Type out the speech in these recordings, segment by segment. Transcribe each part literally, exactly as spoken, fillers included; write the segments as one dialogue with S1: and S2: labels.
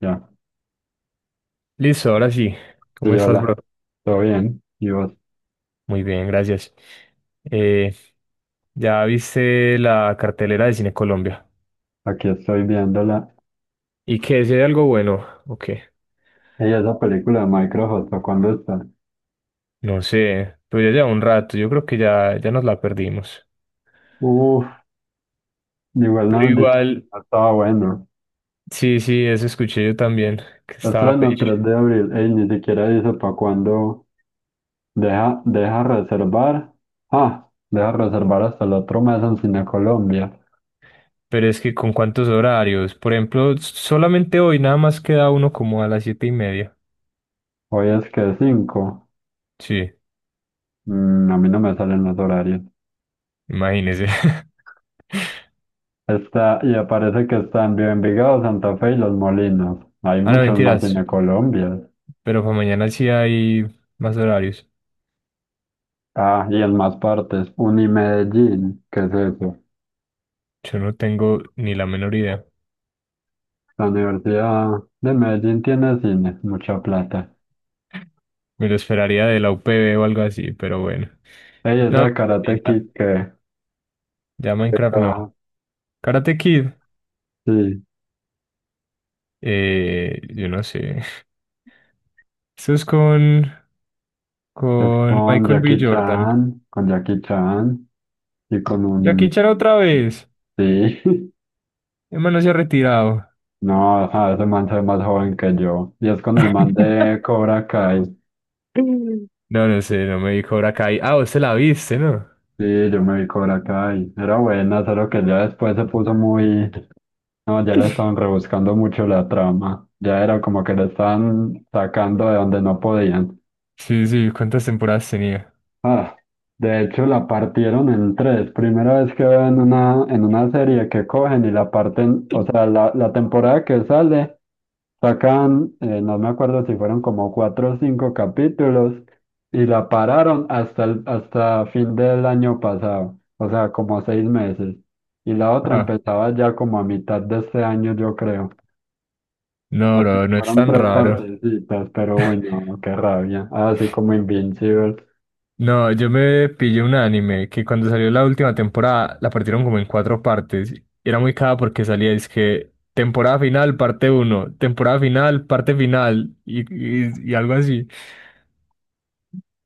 S1: Ya,
S2: Listo, ahora sí.
S1: sí,
S2: ¿Cómo estás,
S1: hola,
S2: bro?
S1: todo bien. Y vos,
S2: Muy bien, gracias. Eh, ¿ya viste la cartelera de Cine Colombia?
S1: aquí estoy viéndola.
S2: ¿Y qué? ¿Si hay algo bueno? ¿O qué?
S1: Ella, esa película de Microsoft Hustle, ¿cuándo está?
S2: No sé, pero ya lleva un rato, yo creo que ya, ya nos la perdimos.
S1: Uf, igual
S2: Pero
S1: no, dice,
S2: igual,
S1: no estaba bueno.
S2: sí, sí, eso escuché yo también, que estaba
S1: Estreno
S2: pecho.
S1: tres de abril, ey, ni siquiera dice para cuándo. Deja, deja reservar. Ah, deja reservar hasta el otro mes en Cine Colombia.
S2: Pero es que con cuántos horarios, por ejemplo, s- solamente hoy nada más queda uno como a las siete y media.
S1: Hoy es que cinco.
S2: Sí,
S1: Mm, a mí no me salen los horarios.
S2: imagínese.
S1: Está, y aparece que está en Envigado, Santa Fe y Los Molinos. Hay
S2: Ah, no,
S1: muchos más
S2: mentiras.
S1: Cine Colombia.
S2: Pero para mañana sí hay más horarios.
S1: Ah, y en más partes, Unimedellín, ¿qué es eso?
S2: Yo no tengo ni la menor idea.
S1: La Universidad de Medellín tiene cine, mucha plata.
S2: Me lo esperaría de la U P B o algo así, pero bueno.
S1: Ey, esa
S2: No,
S1: de
S2: pues sí,
S1: Karate Kid,
S2: ya,
S1: ¿qué?
S2: ya
S1: ¿Qué
S2: Minecraft no.
S1: caja?
S2: Karate Kid,
S1: Sí,
S2: eh, yo no sé. Eso es con,
S1: es
S2: con
S1: con
S2: Michael B.
S1: Jackie
S2: Jordan.
S1: Chan, con Jackie Chan y con
S2: Jackie
S1: un...
S2: Chan otra vez.
S1: Sí,
S2: Emma no se ha retirado.
S1: no, ajá, ese man se ve más joven que yo. Y es con el man de Cobra Kai.
S2: Mm. No, no sé, no me dijo Cobra Kai. Ah, vos se la viste, ¿no?
S1: Sí, yo me vi Cobra Kai. Era buena, solo que ya después se puso muy... No, ya le estaban rebuscando mucho la trama. Ya era como que la estaban sacando de donde no podían.
S2: Sí, sí, ¿cuántas temporadas tenía?
S1: Ah, de hecho la partieron en tres. Primera vez que veo en una, en una serie que cogen y la parten, o sea, la, la temporada que sale, sacan, eh, no me acuerdo si fueron como cuatro o cinco capítulos, y la pararon hasta el, hasta fin del año pasado, o sea, como seis meses. Y la otra
S2: Ah,
S1: empezaba ya como a mitad de este año, yo creo.
S2: no,
S1: O sea,
S2: bro, no es
S1: fueron
S2: tan
S1: tres
S2: raro.
S1: partecitas, pero uy, no, qué rabia. Así como Invincible.
S2: No, yo me pillé un anime que cuando salió la última temporada la partieron como en cuatro partes. Era muy cada porque salía, es que temporada final, parte uno, temporada final, parte final y, y, y algo así.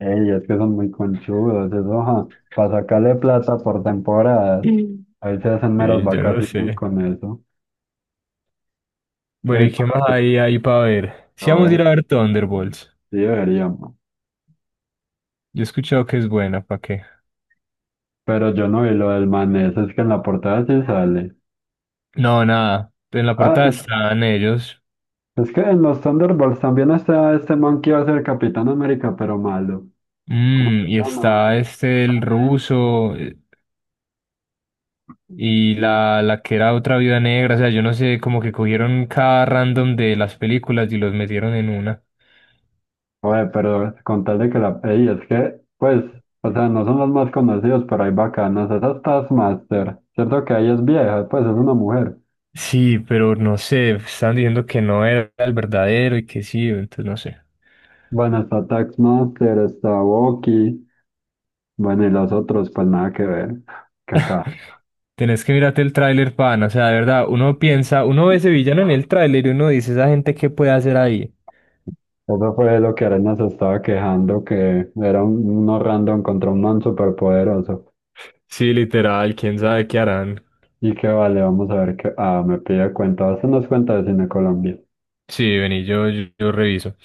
S1: Ey, es que son muy conchudos, eso, ajá. Para sacarle plata por temporadas.
S2: Mm.
S1: Ahí se hacen meras
S2: Sí, yo no
S1: vacaciones
S2: sé.
S1: con eso.
S2: Bueno,
S1: Ey,
S2: ¿y qué más
S1: pero,
S2: hay ahí para ver? Si
S1: pero,
S2: vamos a ir
S1: eh,
S2: a ver Thunderbolts.
S1: sí deberíamos.
S2: Yo he escuchado que es buena, ¿para qué?
S1: Pero yo no vi lo del manés, es que en la portada sí sale.
S2: No, nada. En la portada
S1: Ah,
S2: están ellos.
S1: es, es que en los Thunderbolts también está este man que iba a ser Capitán América, pero malo.
S2: Mm,
S1: Se
S2: y
S1: llama.
S2: está este el ruso. Y la, la que era otra viuda negra, o sea, yo no sé, como que cogieron cada random de las películas y los metieron en una.
S1: Oye, pero con tal de que la... Ey, es que, pues, o sea, no son los más conocidos, pero hay bacanas. Esa es Taskmaster, ¿cierto que ahí es vieja? Pues es una mujer.
S2: Sí, pero no sé, estaban diciendo que no era el verdadero y que sí, entonces no sé.
S1: Bueno, está Taskmaster, está Boki, bueno, y los otros, pues nada que ver, que acá.
S2: Tenés que mirarte el tráiler, pana, o sea, de verdad, uno piensa, uno ve ese villano en el tráiler y uno dice, esa gente, ¿qué puede hacer ahí?
S1: Eso fue lo que Arena se estaba quejando, que era un, uno random contra un man superpoderoso.
S2: Sí, literal, quién sabe qué harán.
S1: Y que vale, vamos a ver qué... Ah, me pide cuenta, hacernos cuenta de Cine Colombia,
S2: Sí, vení, yo, yo, yo reviso.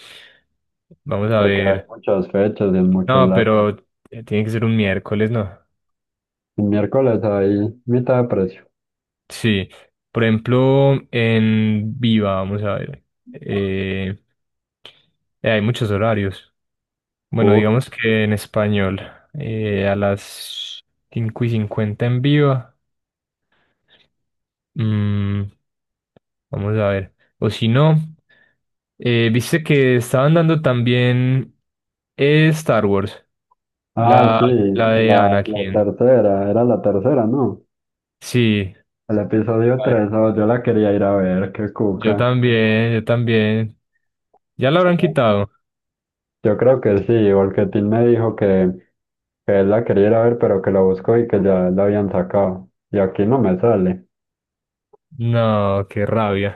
S2: Vamos a
S1: porque hay
S2: ver.
S1: muchas fechas y en muchos
S2: No,
S1: lados.
S2: pero eh, tiene que ser un miércoles, ¿no?
S1: El miércoles hay mitad de precio.
S2: Sí, por ejemplo, en Viva, vamos a ver, eh, eh, hay muchos horarios. Bueno,
S1: Uf.
S2: digamos que en español, eh, a las cinco y cincuenta en Viva, mm, vamos a ver, o si no, eh, viste que estaban dando también eh, Star Wars,
S1: Ah,
S2: la,
S1: sí,
S2: la de
S1: la, la
S2: Anakin.
S1: tercera, era la tercera, ¿no?
S2: Sí,
S1: El episodio
S2: vale,
S1: tres, oh, yo la quería ir a ver, qué
S2: yo
S1: cuca.
S2: también, yo también, ya la habrán quitado.
S1: Yo creo que sí, porque Tim me dijo que, que él la quería ir a ver, pero que la buscó y que ya la habían sacado. Y aquí no me sale.
S2: No, qué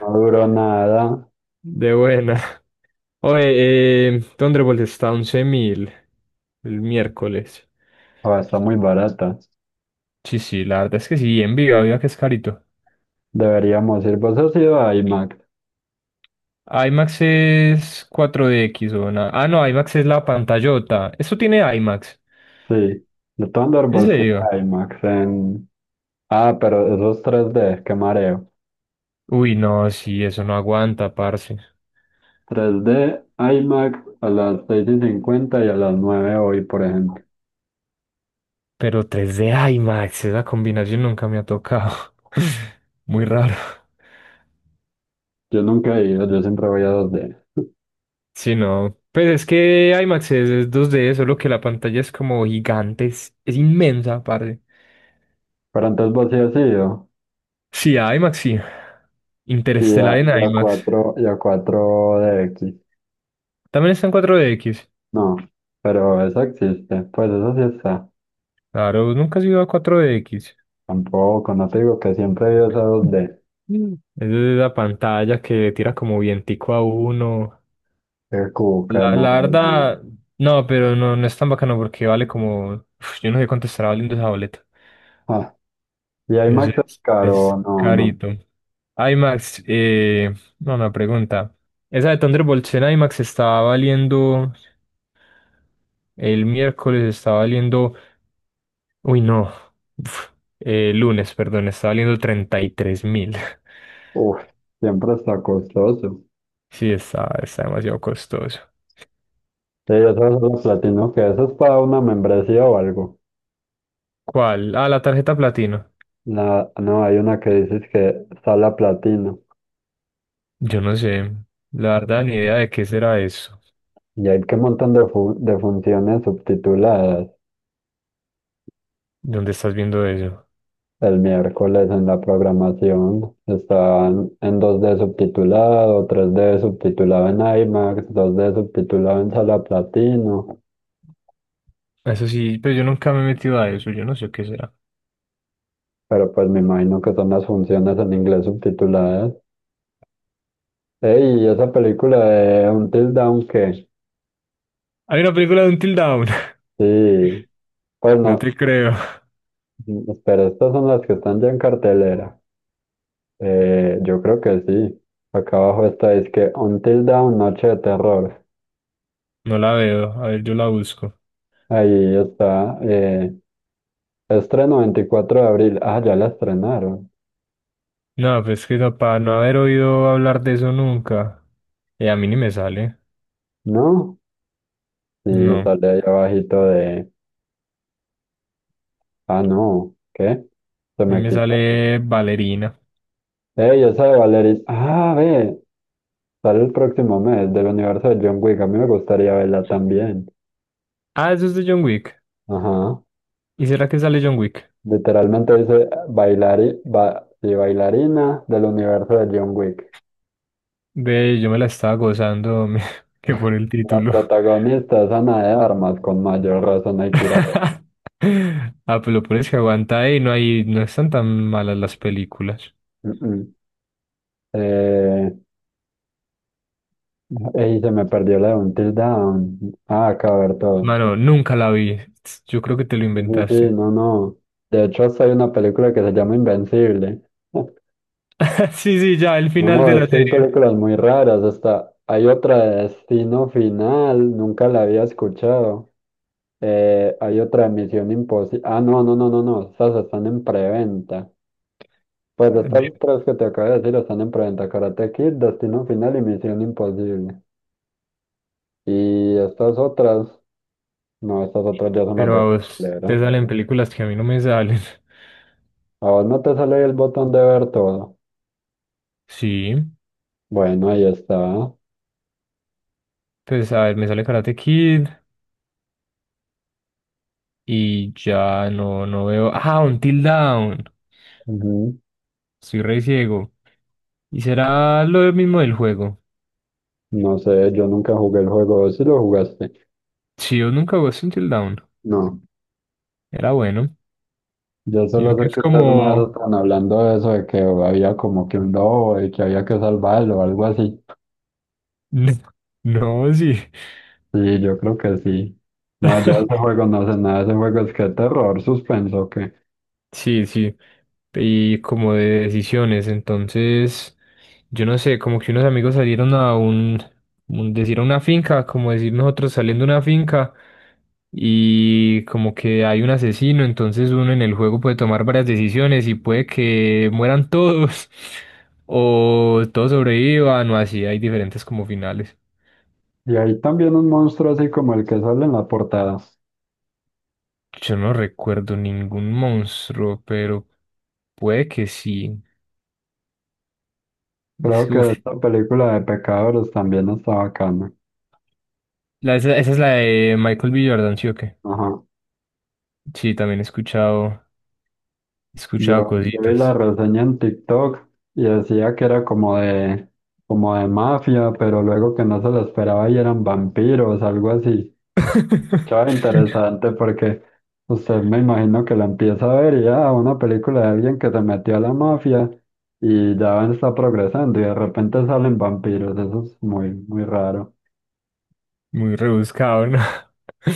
S1: No duró nada,
S2: De buena. Oye, eh, Thunderbolt está once mil el miércoles.
S1: o está muy barata.
S2: Sí, sí, la verdad es que sí, en vivo, viva que es carito.
S1: Deberíamos ir, vos has ido a IMAX,
S2: IMAX es cuatro D X o nada. Ah, no, IMAX es la pantallota. Eso tiene IMAX.
S1: sí. De
S2: ¿En
S1: Thunderbolts sí,
S2: serio?
S1: a IMAX en... Ah, pero esos tres D, qué mareo.
S2: Uy, no, sí, eso no aguanta, parce.
S1: tres D, IMAX a las seis y cincuenta y a las nueve hoy, por ejemplo.
S2: Pero tres d IMAX, esa combinación nunca me ha tocado. Muy raro.
S1: Yo nunca he ido, yo siempre voy a dos D.
S2: Sí, no. Pues es que IMAX es, es dos D, solo que la pantalla es como gigante, es, es inmensa, aparte.
S1: Pero antes vos sí has ido.
S2: Sí, IMAX sí.
S1: Y
S2: Interestelar
S1: a,
S2: en
S1: y a
S2: IMAX.
S1: cuatro, y a cuatro D X.
S2: También está en cuatro D X.
S1: No, pero eso existe. Pues eso sí está.
S2: Claro, nunca has ido a cuatro de equis.
S1: Tampoco, no te digo que siempre he ido a esa dos D.
S2: Mm. Es la pantalla que tira como vientico a uno.
S1: Qué cuca,
S2: La,
S1: no.
S2: la
S1: Dios mío.
S2: verdad, no, pero no, no es tan bacano porque vale como. Uf, yo no sé cuánto estará valiendo esa boleta.
S1: Ah, y
S2: Es,
S1: IMAX es
S2: es-
S1: caro,
S2: es
S1: no, no.
S2: carito. IMAX, eh, no, una pregunta. Esa de Thunderbolts en IMAX estaba valiendo, el miércoles estaba valiendo, uy, no, uf, eh, lunes, perdón, estaba valiendo treinta y tres mil.
S1: Uf, siempre está costoso.
S2: Sí, está, está demasiado costoso.
S1: Sí, eso es lo platino, que eso es para una membresía o algo.
S2: ¿Cuál? Ah, la tarjeta platino.
S1: La no, hay una que dices que sala platino.
S2: Yo no sé, la verdad, ni idea de qué será eso.
S1: Y hay que un montón de, fu- de funciones subtituladas.
S2: ¿Dónde estás viendo eso?
S1: El miércoles en la programación están en dos D subtitulado, tres D subtitulado en IMAX, dos D subtitulado en sala platino.
S2: Eso sí, pero yo nunca me he metido a eso, yo no sé qué será.
S1: Pero pues me imagino que son las funciones en inglés subtituladas. Ey, esa película de Until Dawn que
S2: Hay una película de Until Dawn.
S1: sí. Pues
S2: No
S1: no,
S2: te creo,
S1: espera, estas son las que están ya en cartelera. Eh, yo creo que sí. Acá abajo está, es que Until Dawn, Noche de Terror.
S2: no la veo. A ver, yo la busco.
S1: Ahí está. Eh, estreno veinticuatro de abril. Ah, ya la estrenaron.
S2: No, pues que eso, para no haber oído hablar de eso nunca. Eh, a mí ni me sale.
S1: ¿No? Y
S2: No, a
S1: sale ahí abajito de... Ah, no. ¿Qué? Se
S2: mí
S1: me
S2: me
S1: quitó.
S2: sale Ballerina.
S1: Ey, esa de Valerie. Ah, ve. Sale el próximo mes del universo de John Wick. A mí me gustaría verla también.
S2: Ah, eso es de John Wick.
S1: Ajá.
S2: ¿Y será que sale John Wick?
S1: Literalmente dice bailari... ba- sí, bailarina del universo de John Wick.
S2: Ve, yo me la estaba gozando, me- que por el
S1: La
S2: título.
S1: protagonista es Ana de Armas, con mayor razón hay que ir a ver.
S2: Ah, pues lo peor es que aguanta y no hay, no están tan malas las películas.
S1: Mm, mm. Eh, Ey, se me perdió la de Until Dawn. Ah, acá ver todo.
S2: Mano, nunca la vi. Yo creo que te lo
S1: Sí, sí,
S2: inventaste.
S1: no, no. De hecho, hasta hay una película que se llama Invencible.
S2: Sí, sí, ya, el final
S1: No,
S2: de la
S1: es que hay
S2: serie.
S1: películas muy raras. Hasta hay otra de Destino Final, nunca la había escuchado. Eh, hay otra de Misión Imposible. Ah, no, no, no, no, no. Estas están en preventa. Pues estas tres que te acabo de decir están en preventa: Karate Kid, Destino Final y Misión Imposible. Y estas otras, no, estas otras ya son las
S2: Pero
S1: de
S2: a vos
S1: cartelera.
S2: te salen películas que a mí no me salen.
S1: A vos no te sale el botón de ver todo.
S2: Sí,
S1: Bueno, ahí está.
S2: pues a ver, me sale Karate Kid y ya no, no veo. Ah, Until Dawn.
S1: Ujú.
S2: Soy re ciego. ¿Y será lo mismo del juego?
S1: No sé, yo nunca jugué el juego. ¿Vos sí lo jugaste?
S2: Sí, yo nunca jugué Until Dawn.
S1: No.
S2: Era bueno.
S1: Yo
S2: Yo
S1: solo
S2: que
S1: sé
S2: es
S1: que ustedes una vez
S2: como.
S1: estaban hablando de eso, de que había como que un lobo y que había que salvarlo o algo así.
S2: No, sí.
S1: Sí, yo creo que sí. No, yo de ese juego no sé nada. Ese juego es que terror, suspenso, ¿o qué?
S2: Sí, sí, y como de decisiones, entonces, yo no sé, como que unos amigos salieron a un, un- decir a una finca, como decir nosotros saliendo a una finca, y como que hay un asesino, entonces uno en el juego puede tomar varias decisiones y puede que mueran todos, o todos sobrevivan, o así, hay diferentes como finales.
S1: Y hay también un monstruo así como el que sale en la portada.
S2: Yo no recuerdo ningún monstruo, pero puede que sí. Es
S1: Creo
S2: que, uf,
S1: que esta película de Pecadores también está bacana.
S2: La- esa, esa es la de Michael B. Jordan, ¿sí o qué?
S1: Ajá.
S2: Sí, también he escuchado, he escuchado
S1: Yo, yo vi la
S2: cositas.
S1: reseña en TikTok y decía que era como de, como de mafia, pero luego que no se lo esperaba y eran vampiros, algo así. Estaba interesante porque usted me imagino que la empieza a ver y ya una película de alguien que se metió a la mafia y ya está progresando y de repente salen vampiros. Eso es muy, muy raro.
S2: Muy rebuscado, ¿no?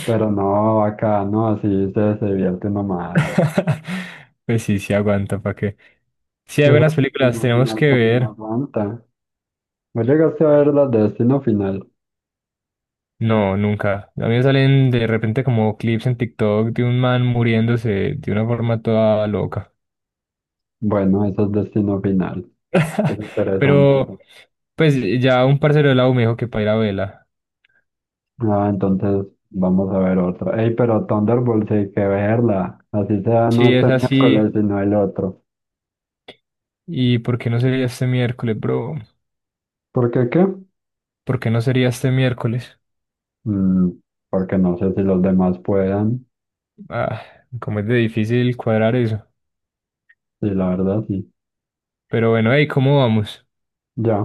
S1: Pero no, acá no, así se, se divierte nomás.
S2: Pues sí, sí aguanta, ¿para qué? Sí, hay buenas
S1: Eso
S2: películas,
S1: Destino
S2: tenemos
S1: Final
S2: que
S1: también me
S2: ver.
S1: aguanta. ¿Vos llegaste a ver las de Destino Final?
S2: No, nunca. A mí me salen de repente como clips en TikTok de un man muriéndose de una forma toda loca.
S1: Bueno, eso es Destino Final. Es interesante.
S2: Pero, pues ya un parcero de la U me dijo que para ir a vela.
S1: Ah, entonces vamos a ver otra. Ey, pero Thunderbolt sí hay que verla. Así sea, no
S2: Sí,
S1: este
S2: es así.
S1: miércoles, sino el otro.
S2: ¿Y por qué no sería este miércoles, bro?
S1: ¿Por qué qué?
S2: ¿Por qué no sería este miércoles?
S1: Mm, porque no sé si los demás puedan.
S2: Ah, como es de difícil cuadrar eso.
S1: Sí, la verdad sí.
S2: Pero bueno, hey, ¿cómo vamos?
S1: Ya.